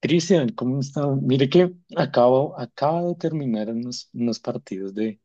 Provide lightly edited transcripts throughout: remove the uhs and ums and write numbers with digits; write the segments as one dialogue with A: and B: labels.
A: Cristian, ¿cómo está? Mire que acaba de terminar unos partidos de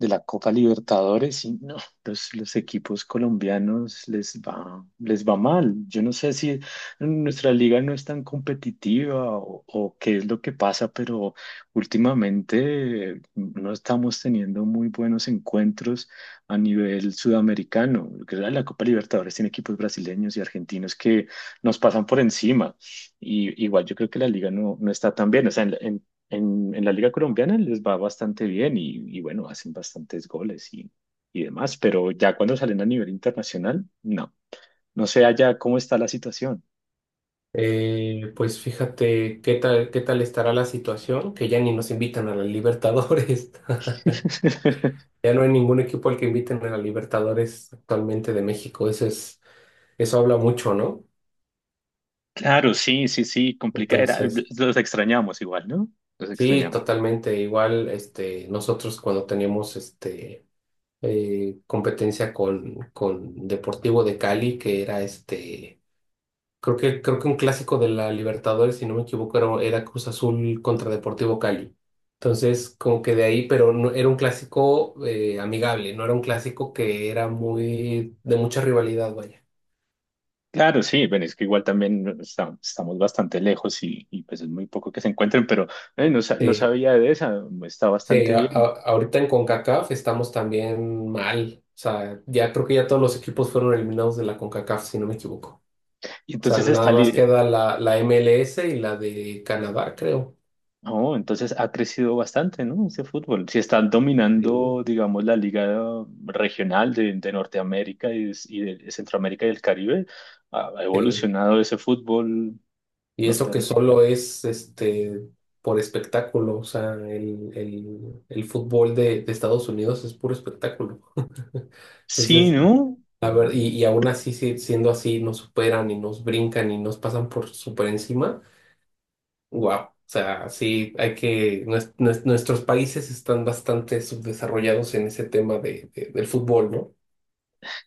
A: la Copa Libertadores y no, los equipos colombianos les va mal. Yo no sé si nuestra liga no es tan competitiva o qué es lo que pasa, pero últimamente no estamos teniendo muy buenos encuentros a nivel sudamericano. Lo que es La Copa Libertadores tiene equipos brasileños y argentinos que nos pasan por encima. Y igual yo creo que la liga no está tan bien. O sea, en la Liga Colombiana les va bastante bien y bueno, hacen bastantes goles y demás, pero ya cuando salen a nivel internacional, no. No sé allá cómo está la situación.
B: Pues fíjate qué tal estará la situación, que ya ni nos invitan a la Libertadores. Ya no hay ningún equipo al que inviten a la Libertadores actualmente de México. Eso habla mucho, ¿no?
A: Claro, sí, sí, sí, complicada era.
B: Entonces,
A: Los extrañamos igual, ¿no? Los
B: sí,
A: extrañamos.
B: totalmente. Igual, este, nosotros cuando teníamos competencia con Deportivo de Cali, que era este. Creo que un clásico de la Libertadores, si no me equivoco, era Cruz Azul contra Deportivo Cali. Entonces, como que de ahí, pero no, era un clásico amigable, no era un clásico que era muy de mucha rivalidad, vaya.
A: Claro, sí, bueno, es que igual también estamos bastante lejos y pues es muy poco que se encuentren, pero no, no
B: Sí,
A: sabía de esa, está
B: sí,
A: bastante bien.
B: ahorita en CONCACAF estamos también mal. O sea, ya creo que ya todos los equipos fueron eliminados de la CONCACAF, si no me equivoco. O
A: Y
B: sea,
A: entonces
B: nada
A: está,
B: más queda la MLS y la de Canadá, creo.
A: oh, entonces ha crecido bastante, ¿no? Ese fútbol. Si están
B: Sí.
A: dominando, digamos, la liga regional de Norteamérica y de Centroamérica y el Caribe, ha
B: Sí.
A: evolucionado ese fútbol
B: Y eso que
A: norteamericano.
B: solo es por espectáculo, o sea, el fútbol de Estados Unidos es puro espectáculo.
A: Sí,
B: Entonces,
A: ¿no?
B: a ver, y aún así, siendo así, nos superan y nos brincan y nos pasan por super encima. Wow. O sea, sí, nuestros países están bastante subdesarrollados en ese tema de, del fútbol, ¿no?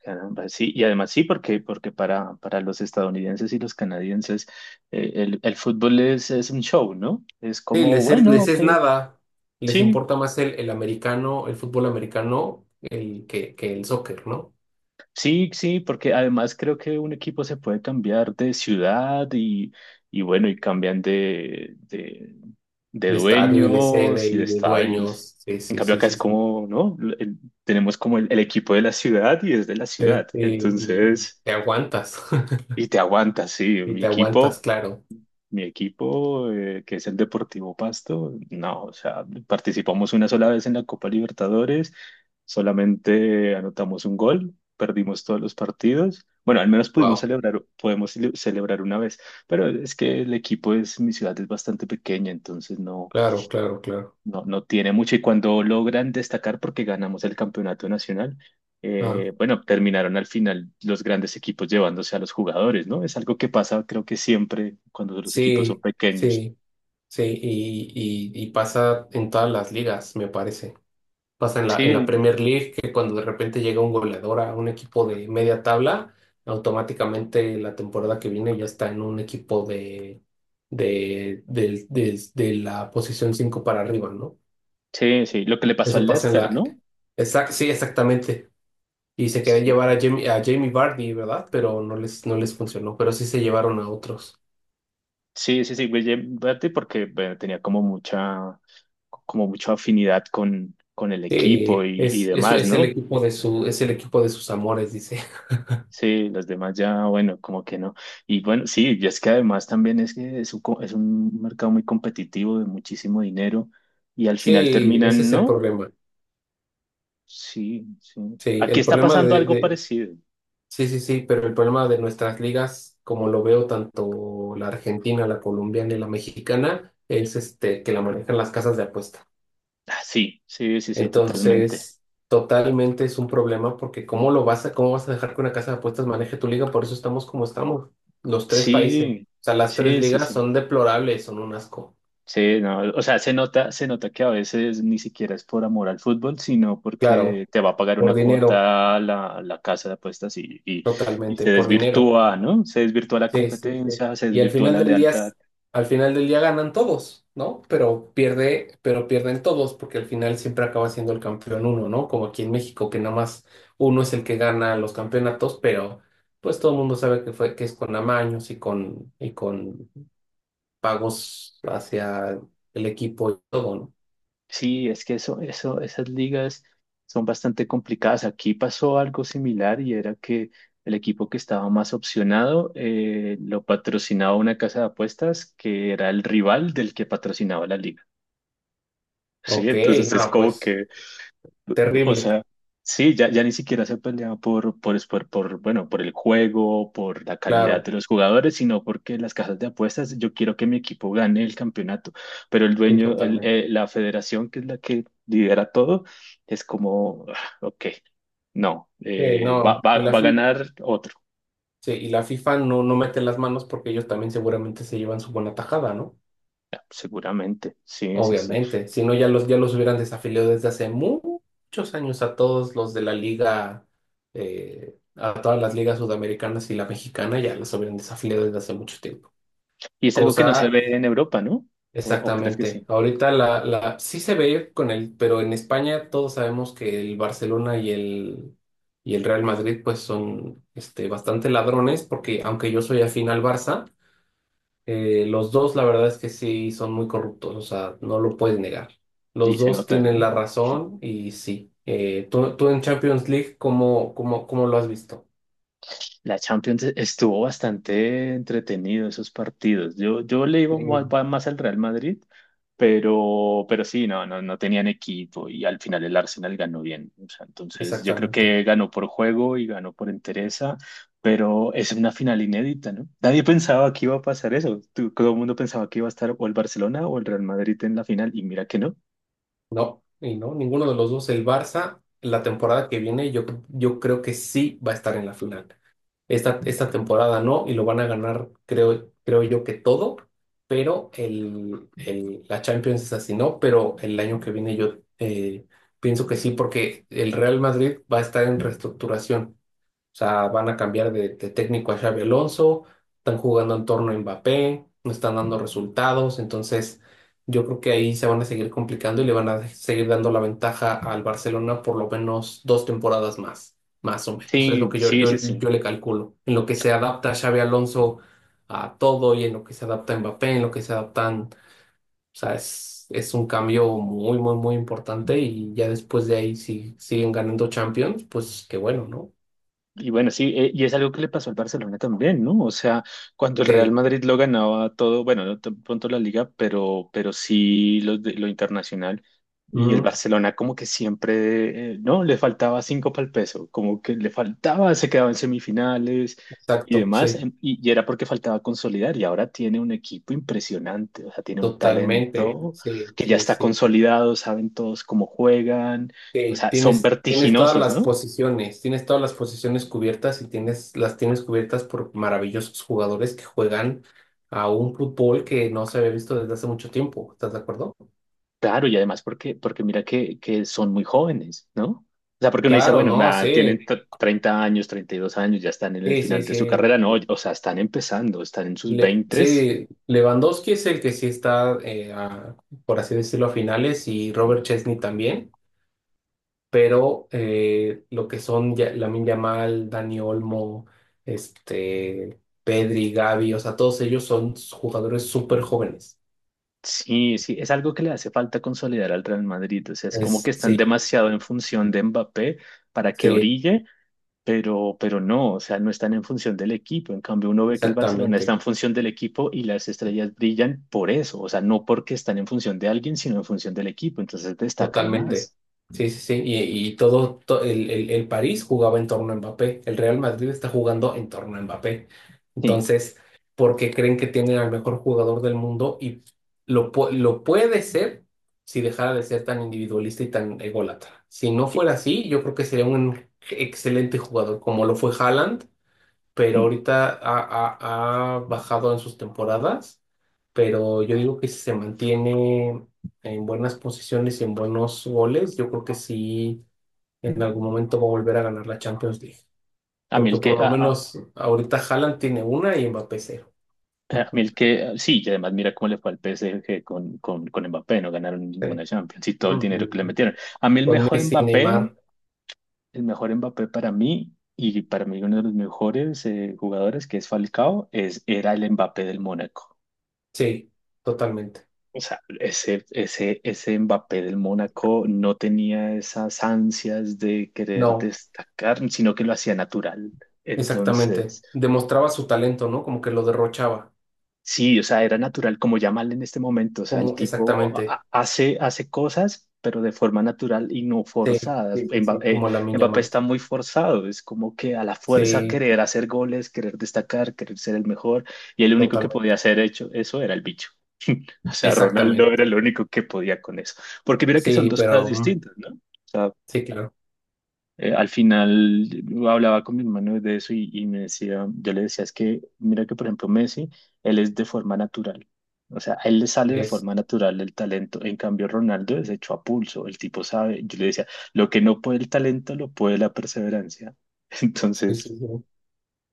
A: Caramba, sí, y además sí, porque para los estadounidenses y los canadienses el fútbol es un show, ¿no? Es
B: Sí,
A: como, bueno,
B: les
A: ok,
B: es nada, les
A: sí,
B: importa más el americano, el fútbol americano, que el soccer, ¿no?
A: sí, sí, porque además creo que un equipo se puede cambiar de ciudad y bueno, y cambian de
B: De estadio y de sede
A: dueños y de
B: y de
A: estadios.
B: dueños. Sí,
A: En
B: sí,
A: cambio
B: sí,
A: acá
B: sí,
A: es
B: sí.
A: como, ¿no? El tenemos como el equipo de la ciudad y es de la
B: Sí,
A: ciudad.
B: sí, y
A: Entonces,
B: te aguantas.
A: y te aguantas, sí.
B: Y
A: Mi
B: te
A: equipo
B: aguantas, claro.
A: mi equipo, que es el Deportivo Pasto, no, o sea, participamos una sola vez en la Copa Libertadores, solamente anotamos un gol, perdimos todos los partidos. Bueno, al menos pudimos
B: Wow.
A: celebrar, podemos celebrar una vez, pero es que el equipo es, mi ciudad es bastante pequeña, entonces no,
B: Claro, claro, claro.
A: no, no tiene mucho y cuando logran destacar porque ganamos el campeonato nacional,
B: Ah,
A: bueno, terminaron al final los grandes equipos llevándose a los jugadores, ¿no? Es algo que pasa creo que siempre cuando los equipos son
B: sí,
A: pequeños.
B: sí, sí. Y pasa en todas las ligas, me parece. Pasa en en la
A: Sí,
B: Premier League, que cuando de repente llega un goleador a un equipo de media tabla, automáticamente la temporada que viene ya está en un equipo de la posición 5 para arriba, ¿no?
A: sí, sí, lo que le pasó
B: Eso
A: al
B: pasa en
A: Leicester,
B: la...
A: ¿no?
B: Sí, exactamente. Y se querían
A: Sí,
B: llevar a Jamie Vardy, ¿verdad? Pero no les funcionó, pero sí se llevaron a otros.
A: sí, sí, sí, William Berti porque bueno, tenía como mucha afinidad con el equipo
B: Sí,
A: y demás,
B: es el
A: ¿no?
B: equipo de es el equipo de sus amores, dice.
A: Sí, los demás ya, bueno, como que no. Y bueno, sí, y es que además también es que es un, es un mercado muy competitivo de muchísimo dinero y al final
B: Sí, ese
A: terminan,
B: es el
A: ¿no?
B: problema.
A: Sí, sí.
B: Sí,
A: Aquí
B: el
A: está
B: problema
A: pasando
B: de,
A: algo
B: de-
A: parecido.
B: sí, sí, sí, pero el problema de nuestras ligas, como lo veo tanto la argentina, la colombiana y la mexicana, es este que la manejan las casas de apuesta.
A: Ah, sí, sí, sí, sí, totalmente.
B: Entonces, totalmente es un problema porque ¿cómo lo cómo vas a dejar que una casa de apuestas maneje tu liga? Por eso estamos como estamos, los tres países. O
A: Sí,
B: sea, las tres
A: sí, sí,
B: ligas
A: sí.
B: son deplorables, son un asco.
A: Sí, no, o sea, se nota que a veces ni siquiera es por amor al fútbol, sino porque
B: Claro,
A: te va a pagar
B: por
A: una
B: dinero,
A: cuota la casa de apuestas y
B: totalmente,
A: se
B: por dinero.
A: desvirtúa, ¿no? Se desvirtúa la
B: Sí, sí, sí.
A: competencia, se
B: Y al
A: desvirtúa
B: final
A: la
B: del día,
A: lealtad.
B: al final del día ganan todos, ¿no? Pero pierden todos, porque al final siempre acaba siendo el campeón uno, ¿no? Como aquí en México, que nada más uno es el que gana los campeonatos, pero pues todo el mundo sabe que que es con amaños y y con pagos hacia el equipo y todo, ¿no?
A: Sí, es que eso, esas ligas son bastante complicadas. Aquí pasó algo similar y era que el equipo que estaba más opcionado lo patrocinaba una casa de apuestas que era el rival del que patrocinaba la liga. Sí,
B: Ok,
A: entonces es
B: no,
A: como
B: pues
A: que, o
B: terrible,
A: sea, sí, ya, ya ni siquiera se peleaba bueno, por el juego, por la calidad
B: claro,
A: de los jugadores, sino porque las casas de apuestas, yo quiero que mi equipo gane el campeonato, pero el
B: sí,
A: dueño, el,
B: totalmente.
A: la federación, que es la que lidera todo, es como, "Ah, ok, no,
B: Sí, no, y la,
A: va a
B: fi-
A: ganar otro".
B: Sí, y la FIFA no mete las manos porque ellos también seguramente se llevan su buena tajada, ¿no?
A: Ah, seguramente, sí, sí, sí.
B: Obviamente. Si no, ya los hubieran desafiliado desde hace muchos años a todos los de la liga, a todas las ligas sudamericanas y la mexicana, ya los hubieran desafiliado desde hace mucho tiempo.
A: Y es algo que no se
B: Cosa,
A: ve en Europa, ¿no? O crees que
B: exactamente.
A: sí?
B: Ahorita sí se ve con el, pero en España todos sabemos que el Barcelona y el Real Madrid pues son este, bastante ladrones porque aunque yo soy afín al Barça. Los dos, la verdad es que sí, son muy corruptos, o sea, no lo puedes negar. Los
A: Y se
B: dos
A: nota,
B: tienen
A: ¿no?
B: la razón y sí. Tú en Champions League, cómo lo has visto?
A: La Champions estuvo bastante entretenido esos partidos. Yo le iba
B: Sí.
A: más al Real Madrid, pero sí, no, no, no tenían equipo y al final el Arsenal ganó bien. O sea, entonces yo creo
B: Exactamente.
A: que ganó por juego y ganó por entereza, pero es una final inédita, ¿no? Nadie pensaba que iba a pasar eso. Todo el mundo pensaba que iba a estar o el Barcelona o el Real Madrid en la final y mira que no.
B: No, y no, ninguno de los dos. El Barça, la temporada que viene, yo creo que sí va a estar en la final. Esta temporada no, y lo van a ganar, creo yo que todo, pero la Champions es así, ¿no? Pero el año que viene yo pienso que sí, porque el Real Madrid va a estar en reestructuración. O sea, van a cambiar de técnico a Xabi Alonso, están jugando en torno a Mbappé, no están dando resultados, entonces yo creo que ahí se van a seguir complicando y le van a seguir dando la ventaja al Barcelona por lo menos dos temporadas más, más o menos, es lo
A: Sí,
B: que
A: sí, sí, sí.
B: yo le calculo. En lo que se adapta Xabi Alonso a todo y en lo que se adapta Mbappé, en lo que se adaptan, o sea, es un cambio muy, muy, muy importante y ya después de ahí si siguen ganando Champions, pues qué bueno, ¿no?
A: Y bueno, sí, y es algo que le pasó al Barcelona también, ¿no? O sea, cuando el Real Madrid lo ganaba todo, bueno, no tan pronto la liga, pero sí lo, lo internacional. Y el
B: Sí.
A: Barcelona como que siempre, ¿no? Le faltaba cinco para el peso, como que le faltaba, se quedaba en semifinales y
B: Exacto,
A: demás,
B: sí,
A: y era porque faltaba consolidar. Y ahora tiene un equipo impresionante, o sea, tiene un
B: totalmente,
A: talento
B: sí,
A: que ya
B: sí,
A: está
B: sí.
A: consolidado, saben todos cómo juegan, o
B: Sí,
A: sea, son
B: tienes todas
A: vertiginosos,
B: las
A: ¿no?
B: posiciones, tienes todas las posiciones cubiertas y tienes, las tienes cubiertas por maravillosos jugadores que juegan a un fútbol que no se había visto desde hace mucho tiempo, ¿estás de acuerdo?
A: Claro, y además porque mira que son muy jóvenes, ¿no? O sea, porque uno dice,
B: Claro,
A: bueno,
B: no,
A: ah,
B: sí,
A: tienen 30 años, 32 años, ya están en el
B: sí, sí,
A: final de su
B: sí.
A: carrera, no, o sea, están empezando, están en sus veintes.
B: Sí, Lewandowski es el que sí está, por así decirlo, a finales y Robert Chesney también. Pero lo que son Lamine Yamal, Dani Olmo, este, Pedri, Gavi, o sea, todos ellos son jugadores súper jóvenes.
A: Sí, sí, es algo que le hace falta consolidar al Real Madrid, o sea, es como que están
B: Sí,
A: demasiado en función de Mbappé para que
B: sí,
A: brille, pero no, o sea, no están en función del equipo, en cambio uno ve que el Barcelona está
B: exactamente.
A: en función del equipo y las estrellas brillan por eso, o sea, no porque están en función de alguien, sino en función del equipo, entonces destacan
B: Totalmente.
A: más.
B: Sí, sí, sí. Y todo, to- el París jugaba en torno a Mbappé. El Real Madrid está jugando en torno a Mbappé.
A: Sí,
B: Entonces, porque creen que tienen al mejor jugador del mundo y lo puede ser si dejara de ser tan individualista y tan ególatra. Si no
A: sí.
B: fuera así, yo creo que sería un excelente jugador, como lo fue Haaland, pero
A: Mm.
B: ahorita ha bajado en sus temporadas, pero yo digo que si se mantiene en buenas posiciones y en buenos goles, yo creo que sí en algún momento va a volver a ganar la Champions League,
A: A mí
B: porque
A: el que,
B: por lo
A: a, a,
B: menos ahorita Haaland tiene una y Mbappé cero.
A: a mí el que, sí, y además mira cómo le fue al PSG con Mbappé, no ganaron
B: Sí.
A: ninguna Champions y todo el dinero que le
B: Mm,
A: metieron. A mí
B: con Messi, Neymar,
A: El mejor Mbappé para mí, y para mí uno de los mejores jugadores que es Falcao, es, era el Mbappé del Mónaco.
B: sí, totalmente.
A: O sea, ese Mbappé del Mónaco no tenía esas ansias de querer
B: No,
A: destacar, sino que lo hacía natural.
B: exactamente.
A: Entonces,
B: Demostraba su talento, ¿no? Como que lo derrochaba.
A: sí, o sea, era natural, como ya mal en este momento, o sea, el
B: Como
A: tipo
B: exactamente.
A: hace, hace cosas, pero de forma natural y no
B: Sí,
A: forzadas.
B: sí, sí, sí. Como Lamine
A: Mbappé está
B: Yamal.
A: muy forzado, es como que a la fuerza
B: Sí.
A: querer hacer goles, querer destacar, querer ser el mejor, y el único que podía
B: Totalmente.
A: hacer hecho, eso era el bicho. O sea, Ronaldo era
B: Exactamente.
A: el único que podía con eso. Porque mira que son
B: Sí,
A: dos cosas
B: pero mm,
A: distintas, ¿no? O sea,
B: sí, claro.
A: al final yo hablaba con mi hermano de eso y me decía, yo le decía, es que mira que por ejemplo Messi, él es de forma natural, o sea, a él le sale de
B: Es,
A: forma natural el talento, en cambio Ronaldo es hecho a pulso, el tipo sabe, yo le decía, lo que no puede el talento lo puede la perseverancia,
B: sí,
A: entonces
B: sí, sí.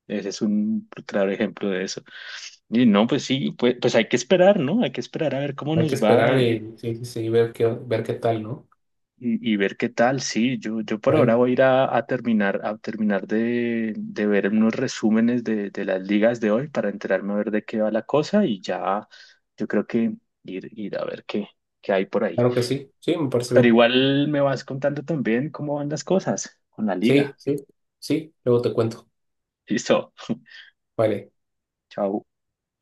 A: ese es un claro ejemplo de eso. Y no, pues sí, pues, pues hay que esperar, ¿no? Hay que esperar a ver cómo
B: Hay que
A: nos va.
B: esperar y sí, sí, sí, ver ver qué tal, ¿no?
A: Y ver qué tal, sí, yo por ahora
B: Bueno,
A: voy a ir a terminar de ver unos resúmenes de las ligas de hoy para enterarme a ver de qué va la cosa y ya yo creo que ir a ver qué, qué hay por ahí.
B: claro que sí. Sí, me parece
A: Pero
B: bien.
A: igual me vas contando también cómo van las cosas con la
B: Sí,
A: liga.
B: sí, sí. Luego te cuento.
A: Listo,
B: Vale.
A: chao.